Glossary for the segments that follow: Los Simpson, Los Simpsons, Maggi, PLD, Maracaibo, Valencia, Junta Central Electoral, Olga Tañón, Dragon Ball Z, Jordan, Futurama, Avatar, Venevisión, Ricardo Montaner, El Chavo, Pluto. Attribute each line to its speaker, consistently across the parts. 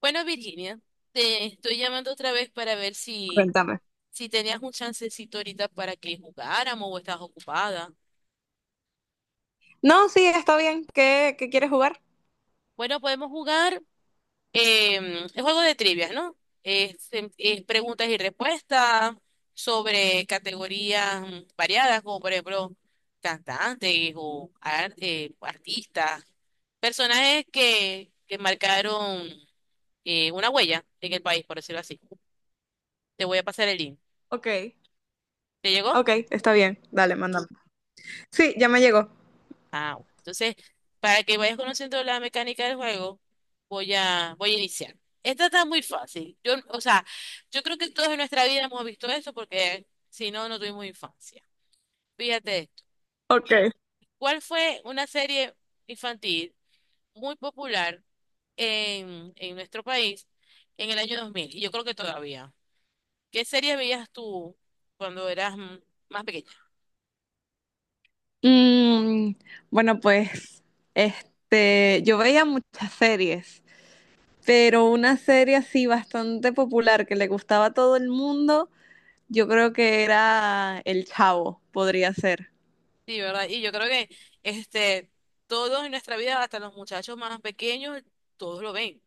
Speaker 1: Bueno, Virginia, te estoy llamando otra vez para ver si,
Speaker 2: Cuéntame.
Speaker 1: si tenías un chancecito ahorita para que jugáramos o estás ocupada.
Speaker 2: No, sí, está bien. ¿Qué quieres jugar?
Speaker 1: Bueno, podemos jugar el juego de trivias, ¿no? Es preguntas y respuestas sobre categorías variadas, como por ejemplo cantantes o artistas, personajes que marcaron una huella en el país, por decirlo así. Te voy a pasar el link.
Speaker 2: Ok,
Speaker 1: ¿Te llegó?
Speaker 2: ok, está bien. Dale, mándame. Sí, ya me llegó.
Speaker 1: Ah, bueno. Entonces, para que vayas conociendo la mecánica del juego, voy a iniciar. Esta está muy fácil. Yo, o sea, yo creo que todos en nuestra vida hemos visto eso porque si no, no tuvimos infancia. Fíjate esto.
Speaker 2: Ok.
Speaker 1: ¿Cuál fue una serie infantil muy popular en nuestro país en el año 2000? Y yo creo que todavía. ¿Qué serie veías tú cuando eras más pequeña?
Speaker 2: Mm, bueno, pues, este, yo veía muchas series, pero una serie así bastante popular que le gustaba a todo el mundo, yo creo que era El Chavo, podría ser.
Speaker 1: Sí, ¿verdad? Y yo creo que este, todos en nuestra vida, hasta los muchachos más pequeños, todos lo ven.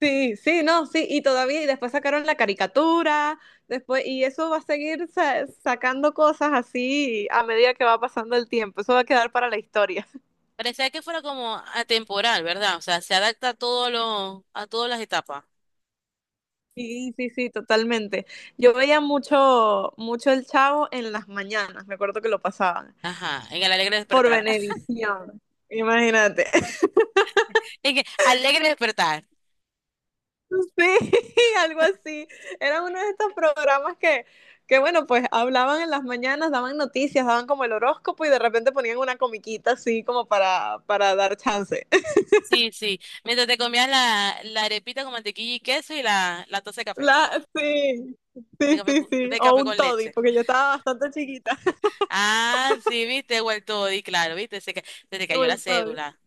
Speaker 2: Sí, sí, no, sí, y todavía, y después sacaron la caricatura, después, y eso va a seguir sacando cosas así a medida que va pasando el tiempo, eso va a quedar para la historia.
Speaker 1: Parecía que fuera como atemporal, ¿verdad? O sea, se adapta a a todas las etapas.
Speaker 2: Sí, sí, sí, totalmente. Yo veía mucho, mucho El Chavo en las mañanas, me acuerdo que lo pasaban,
Speaker 1: Ajá, en el alegre
Speaker 2: por
Speaker 1: despertar.
Speaker 2: Venevisión, imagínate.
Speaker 1: En el alegre despertar.
Speaker 2: Sí, algo así. Era uno de estos programas que, bueno, pues hablaban en las mañanas, daban noticias, daban como el horóscopo y de repente ponían una comiquita así como para dar chance.
Speaker 1: Sí, sí. Mientras te comías la arepita con mantequilla y queso y la taza de café.
Speaker 2: Sí,
Speaker 1: De
Speaker 2: sí,
Speaker 1: café,
Speaker 2: sí, sí.
Speaker 1: de
Speaker 2: O
Speaker 1: café
Speaker 2: un
Speaker 1: con
Speaker 2: toddy,
Speaker 1: leche.
Speaker 2: porque yo estaba bastante chiquita.
Speaker 1: Ah, sí, viste, vuelto y claro, viste, se te
Speaker 2: Como
Speaker 1: cayó la
Speaker 2: el toddy.
Speaker 1: cédula.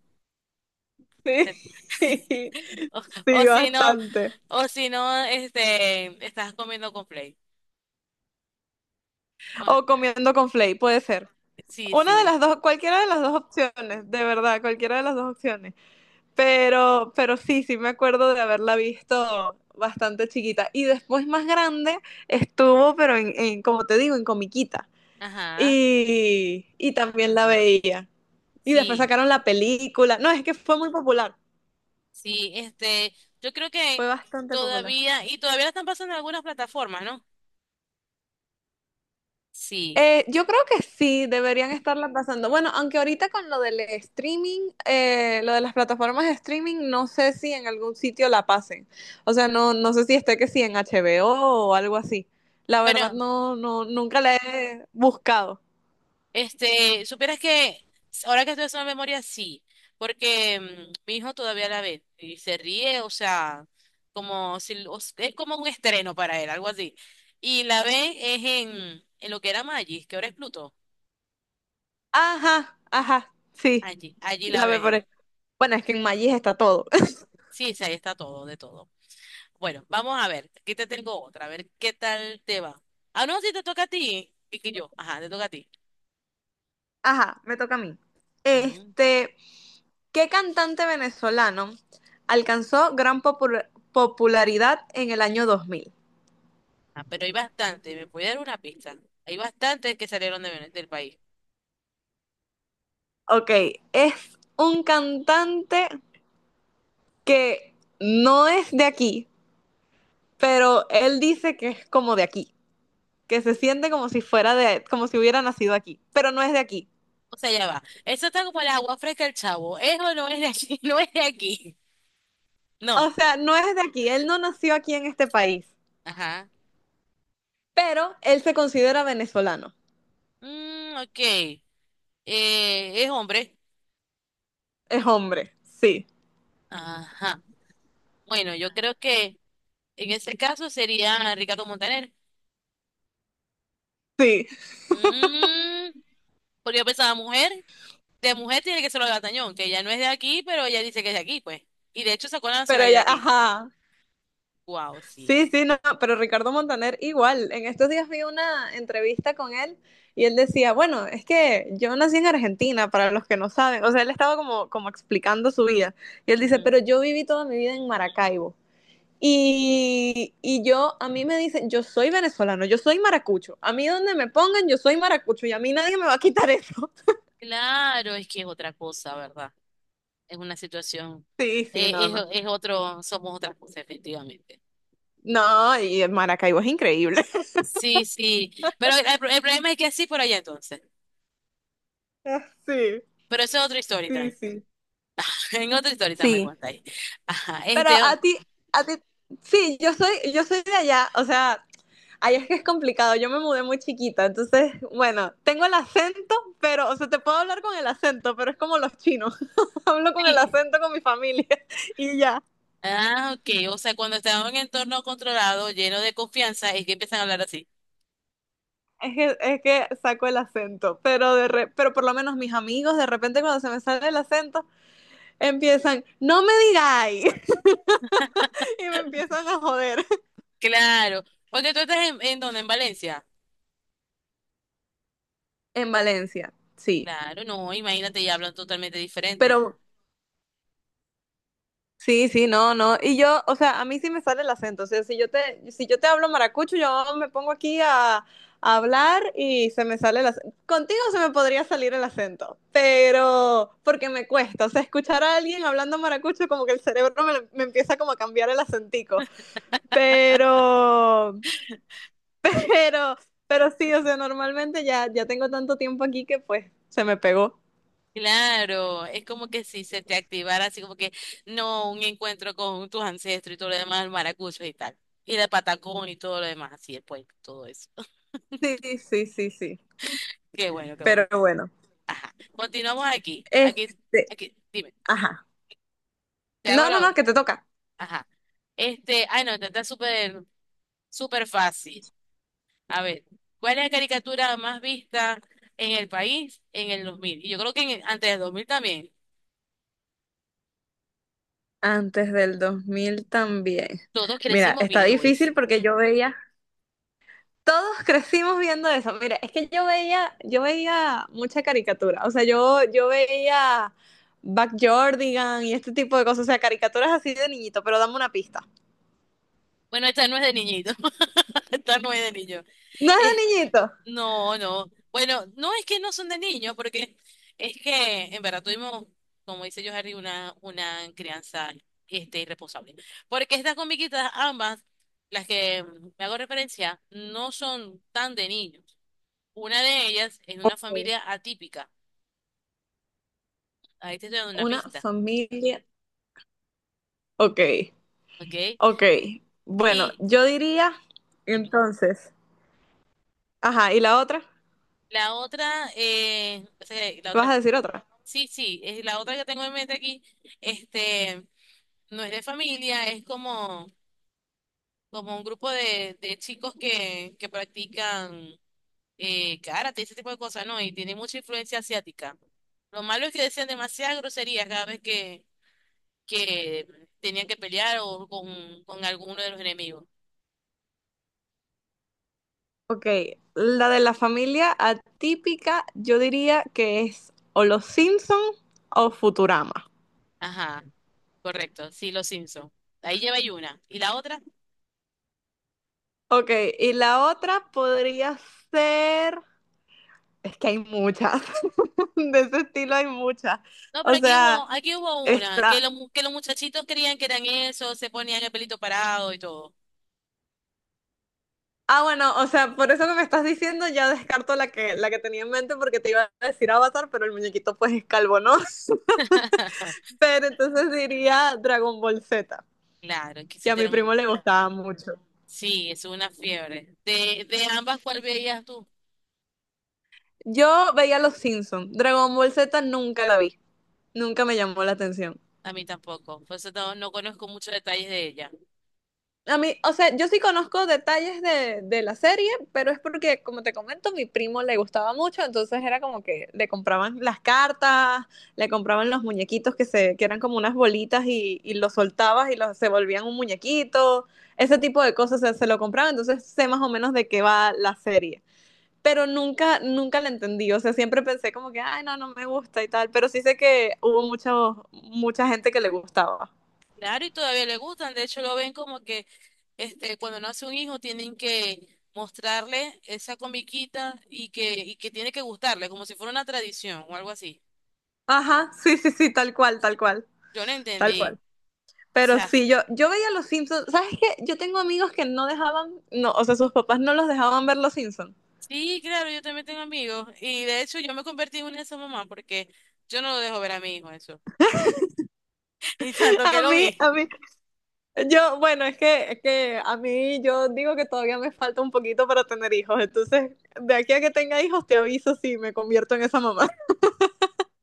Speaker 2: Sí,
Speaker 1: Se- o
Speaker 2: sí,
Speaker 1: o si no.
Speaker 2: bastante.
Speaker 1: O si no, este, estás comiendo con play
Speaker 2: O comiendo con flay, puede ser.
Speaker 1: sí,
Speaker 2: Una de
Speaker 1: sí.
Speaker 2: las dos, cualquiera de las dos opciones, de verdad, cualquiera de las dos opciones. Pero sí, sí me acuerdo de haberla visto bastante chiquita. Y después más grande estuvo, pero en, como te digo, en comiquita.
Speaker 1: Ajá.
Speaker 2: Y también la veía. Y después
Speaker 1: Sí.
Speaker 2: sacaron la película. No, es que fue muy popular.
Speaker 1: Sí, este, yo creo
Speaker 2: Fue
Speaker 1: que
Speaker 2: bastante popular.
Speaker 1: todavía, y todavía la están pasando en algunas plataformas, ¿no? Sí.
Speaker 2: Yo creo que sí, deberían estarla pasando. Bueno, aunque ahorita con lo del streaming, lo de las plataformas de streaming, no sé si en algún sitio la pasen. O sea, no, no sé si esté que sí en HBO o algo así. La verdad,
Speaker 1: Bueno,
Speaker 2: no, no, nunca la he buscado.
Speaker 1: este, supieras que ahora que estoy haciendo memoria, sí, porque mi hijo todavía la ve y se ríe, o sea, como si o es como un estreno para él, algo así. Y la ve es en lo que era Maggi, que ahora es Pluto.
Speaker 2: Ajá, ajá, sí,
Speaker 1: Allí la
Speaker 2: la ve
Speaker 1: ve
Speaker 2: por
Speaker 1: él.
Speaker 2: ahí. Bueno, es que en Magis está todo.
Speaker 1: Sí, sí, ahí está todo, de todo. Bueno, vamos a ver. Aquí te tengo otra, a ver qué tal te va. Ah, no, sí, te toca a ti. Y que yo, ajá, te toca a ti.
Speaker 2: Ajá, me toca a mí.
Speaker 1: Ujú.
Speaker 2: Este, ¿qué cantante venezolano alcanzó gran popularidad en el año 2000?
Speaker 1: Ah, pero hay bastante, ¿me puede dar una pista? Hay bastantes que salieron de del país.
Speaker 2: Ok, es un cantante que no es de aquí, pero él dice que es como de aquí, que se siente como si fuera de, como si hubiera nacido aquí, pero no es de aquí.
Speaker 1: O sea, ya va. Eso está como el agua fresca el chavo. Eso no es de aquí, no es de aquí. No.
Speaker 2: O sea, no es de aquí, él no nació aquí en este país,
Speaker 1: Ajá.
Speaker 2: pero él se considera venezolano.
Speaker 1: Mm, ok. Es hombre.
Speaker 2: Es hombre, sí,
Speaker 1: Ajá. Bueno, yo creo que en ese caso sería Ricardo Montaner.
Speaker 2: sí,
Speaker 1: Mm, porque yo pensaba mujer. De mujer tiene que ser Olga Tañón, que ella no es de aquí, pero ella dice que es de aquí, pues. Y de hecho sacó la
Speaker 2: pero
Speaker 1: nacionalidad
Speaker 2: ella,
Speaker 1: aquí.
Speaker 2: ajá.
Speaker 1: Wow, sí.
Speaker 2: Sí, sí, no, pero Ricardo Montaner igual. En estos días vi una entrevista con él y él decía, bueno, es que yo nací en Argentina, para los que no saben. O sea, él estaba como explicando su vida. Y él dice, pero
Speaker 1: Ujú.
Speaker 2: yo viví toda mi vida en Maracaibo. Y yo, a mí me dicen, yo soy venezolano, yo soy maracucho. A mí donde me pongan, yo soy maracucho y a mí nadie me va a quitar eso.
Speaker 1: Claro, es que es otra cosa, ¿verdad? Es una situación,
Speaker 2: Sí, sí, no, no.
Speaker 1: es otro, somos otra cosa, efectivamente.
Speaker 2: No, y el Maracaibo es increíble.
Speaker 1: Sí, sí. Pero el problema es que sí por allá entonces.
Speaker 2: Sí,
Speaker 1: Pero eso es otra historia
Speaker 2: sí,
Speaker 1: también.
Speaker 2: sí.
Speaker 1: En otra historia también me
Speaker 2: Sí.
Speaker 1: contáis. Ajá,
Speaker 2: Pero
Speaker 1: este.
Speaker 2: a ti, sí, yo soy de allá, o sea, allá es que es complicado, yo me mudé muy chiquita, entonces, bueno, tengo el acento, pero, o sea, te puedo hablar con el acento, pero es como los chinos, hablo con el
Speaker 1: Sí.
Speaker 2: acento con mi familia y ya.
Speaker 1: Ah, ok. O sea, cuando estamos en entorno controlado, lleno de confianza, es que empiezan a hablar así.
Speaker 2: Es que saco el acento, pero, pero por lo menos mis amigos de repente cuando se me sale el acento empiezan, no me digáis, y me empiezan a joder.
Speaker 1: Claro. Porque tú estás en dónde, en Valencia.
Speaker 2: En Valencia, sí,
Speaker 1: Claro, no, imagínate, ya hablan totalmente diferente.
Speaker 2: pero sí, sí, no, no. Y yo, o sea, a mí sí me sale el acento. O sea, si yo te, hablo maracucho, yo me pongo aquí a hablar y se me sale el acento. Contigo se me podría salir el acento, pero porque me cuesta. O sea, escuchar a alguien hablando maracucho, como que el cerebro me, empieza como a cambiar el acentico. Pero, pero, pero sí, o sea, normalmente ya, ya tengo tanto tiempo aquí que pues se me pegó.
Speaker 1: Claro, es como que si se te activara así como que, no, un encuentro con tus ancestros y todo lo demás, el maracucho y tal. Y la patacón y todo lo demás, así después, todo eso.
Speaker 2: Sí, sí, sí, sí.
Speaker 1: Qué bueno, qué bueno.
Speaker 2: Pero bueno.
Speaker 1: Ajá. Continuamos aquí, aquí,
Speaker 2: Este,
Speaker 1: aquí, dime,
Speaker 2: ajá.
Speaker 1: te hago
Speaker 2: No, no,
Speaker 1: la
Speaker 2: no,
Speaker 1: otra.
Speaker 2: que te toca.
Speaker 1: Ajá. Este, ay no, esta está súper, súper fácil. A ver, ¿cuál es la caricatura más vista en el país en el 2000? Y yo creo que en antes del 2000 también.
Speaker 2: Antes del 2000 también.
Speaker 1: Todos
Speaker 2: Mira,
Speaker 1: crecimos
Speaker 2: está
Speaker 1: viendo
Speaker 2: difícil
Speaker 1: eso.
Speaker 2: porque yo veía, todos crecimos viendo eso. Mira, es que yo veía, mucha caricatura. O sea, yo veía Jordan y este tipo de cosas. O sea, caricaturas así de niñito, pero dame una pista.
Speaker 1: Bueno, esta no es de niñito. Esta no es de niño.
Speaker 2: No es
Speaker 1: Es-
Speaker 2: de niñito.
Speaker 1: no, no. Bueno, no es que no son de niños, porque es que en verdad tuvimos, como dice yo, Harry, una crianza este, irresponsable. Porque estas comiquitas, ambas, las que me hago referencia, no son tan de niños. Una de ellas es de una
Speaker 2: Ok.
Speaker 1: familia atípica. Ahí te estoy dando una
Speaker 2: Una
Speaker 1: pista,
Speaker 2: familia. Ok,
Speaker 1: ¿ok?
Speaker 2: ok. Bueno,
Speaker 1: Y
Speaker 2: yo diría entonces. Ajá, ¿y la otra?
Speaker 1: la otra, la
Speaker 2: ¿Vas
Speaker 1: otra
Speaker 2: a decir otra?
Speaker 1: Sí, sí, es la otra que tengo en mente aquí, este, no es de familia, es como, como un grupo de chicos que practican karate, ese tipo de cosas, ¿no? Y tiene mucha influencia asiática. Lo malo es que decían demasiadas groserías cada vez que tenían que pelear o con alguno de los enemigos.
Speaker 2: Ok, la de la familia atípica, yo diría que es o Los Simpson o Futurama.
Speaker 1: Ajá, correcto, sí, los Simpson. Ahí lleva y una. ¿Y la otra?
Speaker 2: Ok, y la otra podría ser, es que hay muchas, de ese estilo hay muchas.
Speaker 1: No, pero
Speaker 2: O sea,
Speaker 1: aquí hubo una, que,
Speaker 2: está,
Speaker 1: los que los muchachitos creían que eran eso, se ponían el pelito parado y todo.
Speaker 2: ah, bueno, o sea, por eso que me estás diciendo ya descarto la que, tenía en mente porque te iba a decir Avatar, pero el muñequito pues es calvo, ¿no? Pero entonces diría Dragon Ball Z,
Speaker 1: Claro, que
Speaker 2: que
Speaker 1: se
Speaker 2: a mi
Speaker 1: tienen un...
Speaker 2: primo le gustaba mucho.
Speaker 1: Sí, es una fiebre. De ambas, ¿cuál veías tú?
Speaker 2: Yo veía Los Simpsons. Dragon Ball Z nunca la vi. Nunca me llamó la atención.
Speaker 1: A mí tampoco. Por eso no, no conozco muchos detalles de ella.
Speaker 2: A mí, o sea, yo sí conozco detalles de, la serie, pero es porque, como te comento, mi primo le gustaba mucho, entonces era como que le compraban las cartas, le compraban los muñequitos que eran como unas bolitas y, los soltabas y se volvían un muñequito, ese tipo de cosas se lo compraban, entonces sé más o menos de qué va la serie. Pero nunca, nunca la entendí. O sea, siempre pensé como que, ay, no, no me gusta y tal, pero sí sé que hubo mucho, mucha gente que le gustaba.
Speaker 1: Claro, y todavía le gustan. De hecho, lo ven como que este, cuando nace un hijo tienen que mostrarle esa comiquita y y que tiene que gustarle, como si fuera una tradición o algo así.
Speaker 2: Ajá, sí, sí, sí, tal cual, tal cual,
Speaker 1: Yo no
Speaker 2: tal
Speaker 1: entendí.
Speaker 2: cual.
Speaker 1: O
Speaker 2: Pero
Speaker 1: sea,
Speaker 2: sí, yo, veía Los Simpsons. ¿Sabes qué? Yo tengo amigos que no dejaban, no, o sea, sus papás no los dejaban ver Los Simpsons.
Speaker 1: sí, claro, yo también tengo amigos. Y de hecho, yo me convertí en una de esas mamás porque yo no lo dejo ver a mi hijo eso. Y tanto que
Speaker 2: A
Speaker 1: lo
Speaker 2: mí,
Speaker 1: vi.
Speaker 2: a mí, yo, bueno, es que a mí yo digo que todavía me falta un poquito para tener hijos. Entonces, de aquí a que tenga hijos, te aviso si me convierto en esa mamá.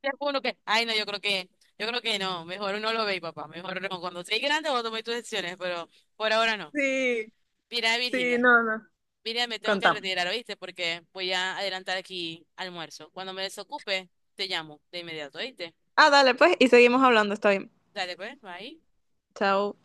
Speaker 1: Te juro que, ay no, yo creo que no, mejor no lo veis, papá, mejor no. Cuando seas grande vos tomé tus decisiones, pero por ahora no.
Speaker 2: Sí,
Speaker 1: Mira,
Speaker 2: sí,
Speaker 1: Virginia,
Speaker 2: no, no.
Speaker 1: mira, me tengo que
Speaker 2: Contamos.
Speaker 1: retirar, ¿oíste? Porque voy a adelantar aquí almuerzo. Cuando me desocupe, te llamo de inmediato, ¿oíste?
Speaker 2: Ah, dale, pues, y seguimos hablando, está bien.
Speaker 1: Dale, pues, ahí.
Speaker 2: Chao.